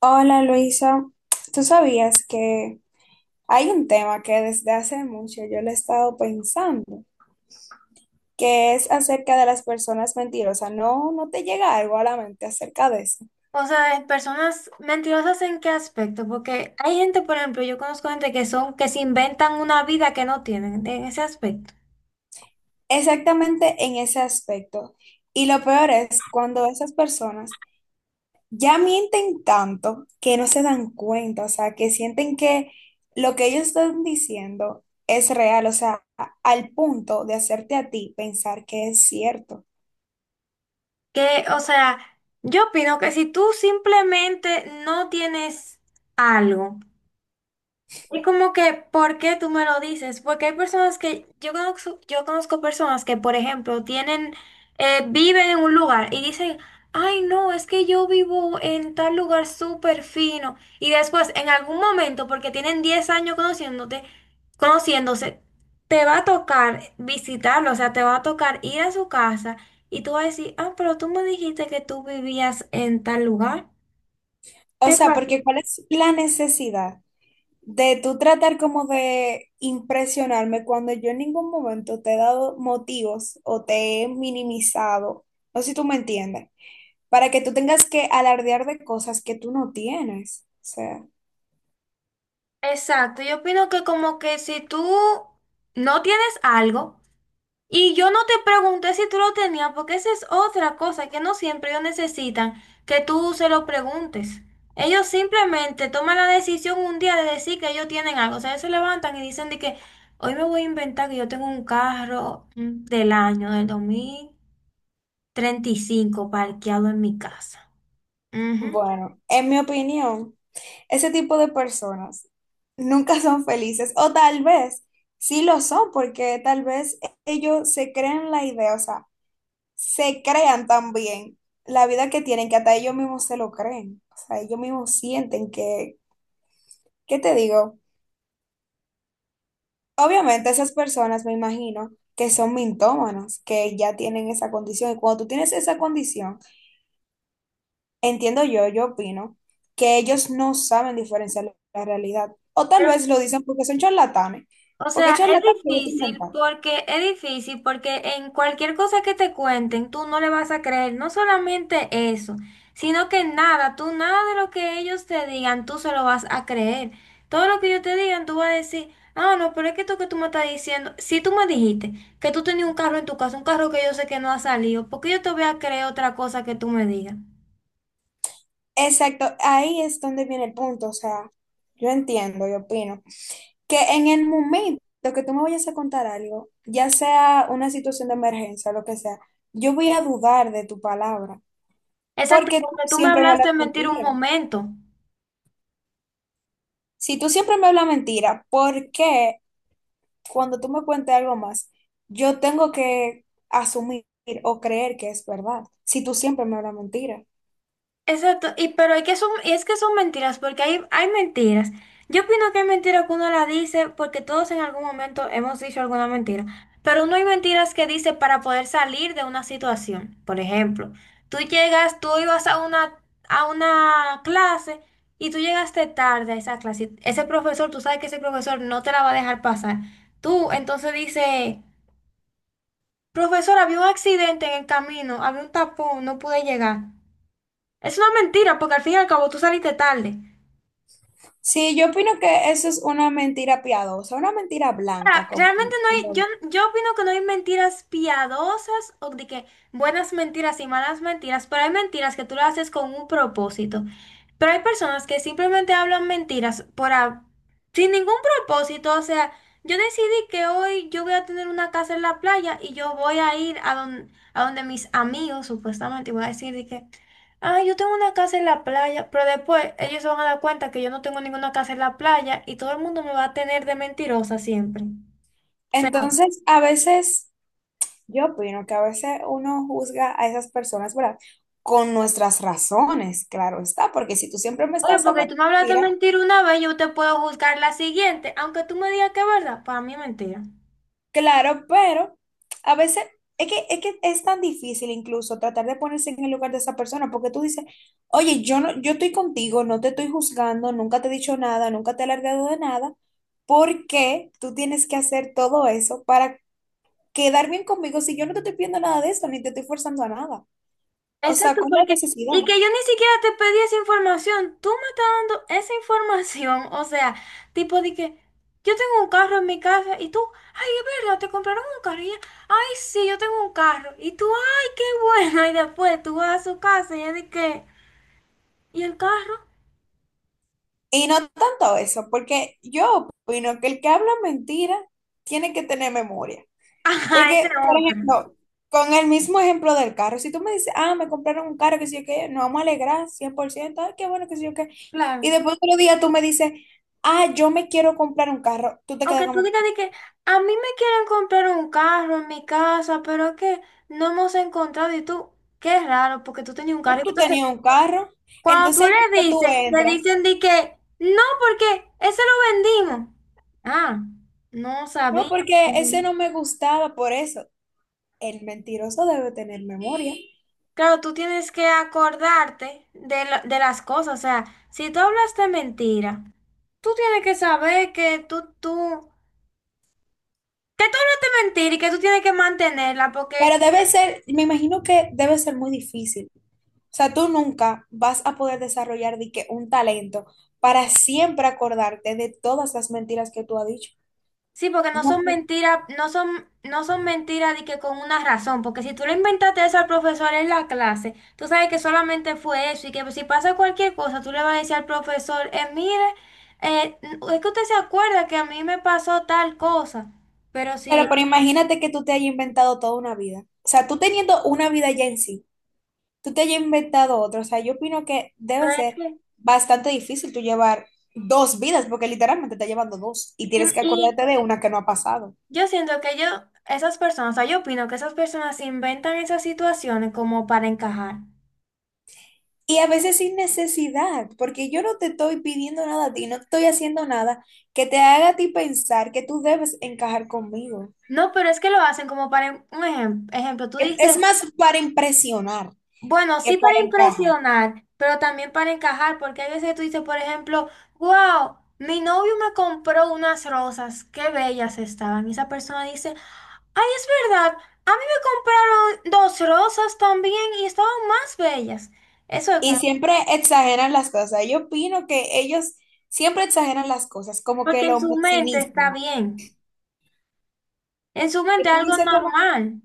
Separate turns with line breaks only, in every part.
Hola Luisa, ¿tú sabías que hay un tema que desde hace mucho yo lo he estado pensando, que es acerca de las personas mentirosas? ¿No te llega algo a la mente acerca de eso?
O sea, de personas mentirosas, ¿en qué aspecto? Porque hay gente, por ejemplo, yo conozco gente que son, que se inventan una vida que no tienen en ese aspecto.
Exactamente en ese aspecto. Y lo peor es cuando esas personas ya mienten tanto que no se dan cuenta, o sea, que sienten que lo que ellos están diciendo es real, o sea, al punto de hacerte a ti pensar que es cierto.
Que, o sea, yo opino que si tú simplemente no tienes algo, es como que, ¿por qué tú me lo dices? Porque hay personas que, yo conozco personas que, por ejemplo, tienen, viven en un lugar y dicen, ay, no, es que yo vivo en tal lugar súper fino. Y después, en algún momento, porque tienen 10 años conociéndote, conociéndose, te va a tocar visitarlo, o sea, te va a tocar ir a su casa y tú vas a decir, ah, pero tú me dijiste que tú vivías en tal lugar.
O
¿Qué
sea,
pasa?
porque ¿cuál es la necesidad de tú tratar como de impresionarme cuando yo en ningún momento te he dado motivos o te he minimizado, no sé si tú me entiendes, para que tú tengas que alardear de cosas que tú no tienes? O sea,
Exacto, yo opino que como que si tú no tienes algo y yo no te pregunté si tú lo tenías, porque esa es otra cosa que no siempre ellos necesitan que tú se lo preguntes. Ellos simplemente toman la decisión un día de decir que ellos tienen algo, o sea, ellos se levantan y dicen de que hoy me voy a inventar que yo tengo un carro del año del 2035 parqueado en mi casa. Ujú.
bueno, en mi opinión, ese tipo de personas nunca son felices, o tal vez sí lo son porque tal vez ellos se creen la idea, o sea, se crean también la vida que tienen, que hasta ellos mismos se lo creen. O sea, ellos mismos sienten que, ¿qué te digo? Obviamente esas personas, me imagino, que son mintómanos, que ya tienen esa condición. Y cuando tú tienes esa condición, entiendo yo, yo opino, que ellos no saben diferenciar la realidad. O tal
Pero
vez lo dicen porque son charlatanes.
o
Porque
sea, es
charlatanes les gusta
difícil
inventar.
porque es difícil porque en cualquier cosa que te cuenten, tú no le vas a creer, no solamente eso, sino que nada, tú nada de lo que ellos te digan, tú se lo vas a creer. Todo lo que ellos te digan, tú vas a decir, ah, no, pero es que esto que tú me estás diciendo, si tú me dijiste que tú tenías un carro en tu casa, un carro que yo sé que no ha salido, ¿por qué yo te voy a creer otra cosa que tú me digas?
Exacto, ahí es donde viene el punto. O sea, yo entiendo, yo opino que en el momento que tú me vayas a contar algo, ya sea una situación de emergencia, lo que sea, yo voy a dudar de tu palabra,
Exacto,
porque tú
porque tú me
siempre me
hablaste
hablas
en mentir un
mentira.
momento.
Si tú siempre me hablas mentira, ¿por qué cuando tú me cuentes algo más, yo tengo que asumir o creer que es verdad? Si tú siempre me hablas mentira.
Exacto, y pero hay que son, y es que son mentiras, porque hay mentiras. Yo opino que hay mentiras que uno la dice porque todos en algún momento hemos dicho alguna mentira, pero no hay mentiras que dice para poder salir de una situación. Por ejemplo, tú llegas, tú ibas a una clase y tú llegaste tarde a esa clase. Y ese profesor, tú sabes que ese profesor no te la va a dejar pasar. Tú entonces dices, profesor, había un accidente en el camino, había un tapón, no pude llegar. Es una mentira, porque al fin y al cabo tú saliste tarde.
Sí, yo opino que eso es una mentira piadosa, una mentira blanca,
Ahora,
como,
realmente no hay, yo,
como-
yo opino que no hay mentiras piadosas o de que buenas mentiras y malas mentiras, pero hay mentiras que tú las haces con un propósito. Pero hay personas que simplemente hablan mentiras por, sin ningún propósito. O sea, yo decidí que hoy yo voy a tener una casa en la playa y yo voy a ir a, a donde mis amigos, supuestamente, y voy a decir de que... Ah, yo tengo una casa en la playa, pero después ellos se van a dar cuenta que yo no tengo ninguna casa en la playa y todo el mundo me va a tener de mentirosa siempre. O sea,
entonces, a veces yo opino que a veces uno juzga a esas personas, ¿verdad? Con nuestras razones, claro está, porque si tú siempre me
oye,
estás
porque
hablando
tú me hablaste
mira,
mentira una vez, yo te puedo juzgar la siguiente, aunque tú me digas que es verdad, para mí es mentira.
claro, pero a veces es que es tan difícil incluso tratar de ponerse en el lugar de esa persona, porque tú dices, oye, yo estoy contigo, no te estoy juzgando, nunca te he dicho nada, nunca te he alargado de nada, ¿por qué tú tienes que hacer todo eso para quedar bien conmigo si yo no te estoy pidiendo nada de eso, ni te estoy forzando a nada? O sea,
Exacto,
¿cuál es la
porque,
necesidad?
y que yo ni siquiera te pedí esa información, tú me estás dando esa información, o sea, tipo de que yo tengo un carro en mi casa y tú, ay, es verdad, te compraron un carro y ella, ay, sí, yo tengo un carro, y tú, ay, qué bueno, y después tú vas a su casa y ella de que, ¿y el carro?
Y no tanto eso, porque yo opino que el que habla mentira tiene que tener memoria.
Ajá, ese
Porque, por
otro.
ejemplo, con el mismo ejemplo del carro, si tú me dices, ah, me compraron un carro, que sé yo qué, nos vamos a alegrar 100%, ay, qué bueno, que sé yo qué. Y
Claro.
después otro día tú me dices, ah, yo me quiero comprar un carro, tú te
O
quedas
que tú
como,
digas de que a mí me quieren comprar un carro en mi casa, pero es que no hemos encontrado y tú, qué raro, porque tú tenías un carro.
pero tú
Entonces,
tenías un carro.
cuando
Entonces,
tú
ahí
le
cuando tú
dices, le
entras,
dicen de que no, porque ese lo vendimos. Ah, no
no,
sabía.
porque ese no me gustaba, por eso. El mentiroso debe tener memoria.
Claro, tú tienes que acordarte de, de las cosas. O sea, si tú hablaste mentira, tú tienes que saber que que tú hablaste mentira y que tú tienes que mantenerla porque
Pero debe ser, me imagino que debe ser muy difícil. O sea, tú nunca vas a poder desarrollar de que un talento para siempre acordarte de todas las mentiras que tú has dicho.
sí, porque no
No,
son mentiras, no son mentiras de que con una razón, porque si tú le inventaste eso al profesor en la clase, tú sabes que solamente fue eso y que si pasa cualquier cosa, tú le vas a decir al profesor, mire, es que usted se acuerda que a mí me pasó tal cosa, pero
claro,
sí,
pero imagínate que tú te hayas inventado toda una vida. O sea, tú teniendo una vida ya en sí, tú te hayas inventado otra. O sea, yo opino que debe
pero es
ser
que-
bastante difícil tú llevar dos vidas, porque literalmente estás llevando dos y
sí,
tienes que
y
acordarte de una que no ha pasado.
yo siento que yo, esas personas, o sea, yo opino que esas personas inventan esas situaciones como para encajar.
Y a veces sin necesidad, porque yo no te estoy pidiendo nada a ti, no te estoy haciendo nada que te haga a ti pensar que tú debes encajar conmigo.
No, pero es que lo hacen como para, ejemplo, tú
Es
dices
es más para impresionar
bueno,
que
sí para
para encajar.
impresionar, pero también para encajar, porque hay veces que tú dices, por ejemplo, wow, mi novio me compró unas rosas, qué bellas estaban. Y esa persona dice, ay, es verdad, a mí me compraron 2 rosas también y estaban más bellas. Eso es
Y
como,
siempre exageran las cosas. Yo opino que ellos siempre exageran las cosas, como que
porque en
lo
su mente está
maximizan.
bien, en su
Que
mente
tú
algo
dices como,
normal.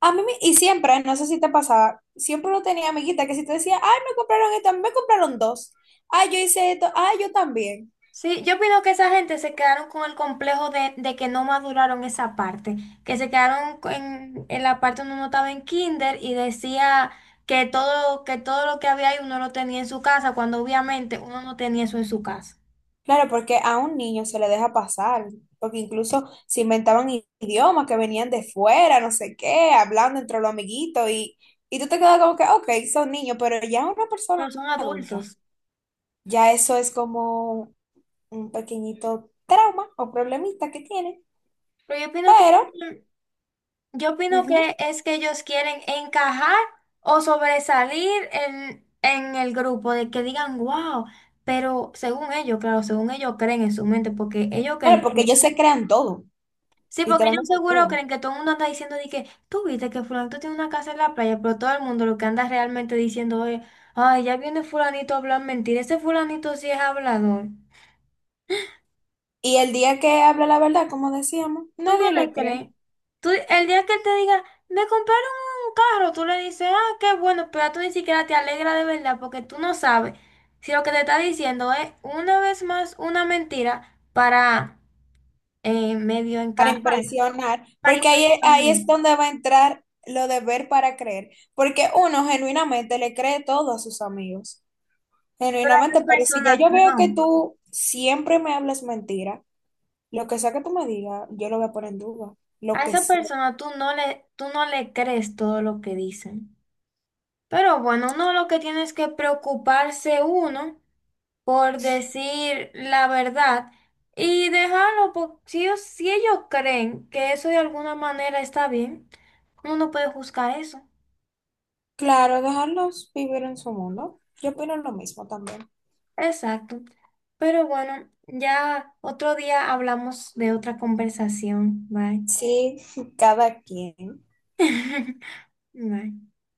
a mí, y siempre, no sé si te pasaba, siempre lo tenía amiguita que si te decía, ay, me compraron esto, a mí me compraron dos. Ay, yo hice esto, ay, yo también.
Sí, yo opino que esa gente se quedaron con el complejo de que no maduraron esa parte, que se quedaron en la parte donde uno estaba en kinder y decía que todo lo que había ahí uno lo tenía en su casa, cuando obviamente uno no tenía eso en su casa.
Claro, porque a un niño se le deja pasar, porque incluso se inventaban idiomas que venían de fuera, no sé qué, hablando entre los amiguitos y tú te quedas como que, ok, son niños, pero ya una persona
Pero son
adulta,
adultos.
ya eso es como un pequeñito trauma o problemita que tiene,
Pero
pero,
yo opino
ujú,
que es que ellos quieren encajar o sobresalir en el grupo, de que digan, wow, pero según ellos, claro, según ellos creen en su mente, porque ellos creen
claro,
que...
porque ellos se crean todo,
Sí, porque ellos
literalmente
seguro
todo.
creen que todo el mundo anda diciendo de que tú viste que fulanito tiene una casa en la playa, pero todo el mundo lo que anda realmente diciendo es, ay, ya viene fulanito a hablar mentira, ese fulanito sí es hablador.
Y el día que habla la verdad, como decíamos,
Tú no
nadie
le
le cree.
crees. Tú, el día que él te diga, me compraron un carro, tú le dices, ah, qué bueno, pero tú ni siquiera te alegra de verdad porque tú no sabes si lo que te está diciendo es una vez más una mentira para medio
Para
encajar,
impresionar,
para
porque ahí,
impresionar.
ahí es donde va a entrar lo de ver para creer, porque uno genuinamente le cree todo a sus amigos,
Pero a
genuinamente,
esas
pero si ya
personas
yo veo
no.
que tú siempre me hablas mentira, lo que sea que tú me digas, yo lo voy a poner en duda,
A
lo que
esa
sea.
persona tú no le crees todo lo que dicen. Pero bueno, uno lo que tiene es que preocuparse uno por decir la verdad y dejarlo, porque si ellos creen que eso de alguna manera está bien, uno no puede juzgar eso.
Claro, dejarlos vivir en su mundo, yo opino lo mismo también.
Exacto. Pero bueno, ya otro día hablamos de otra conversación. Bye.
Sí, cada quien.
Bye.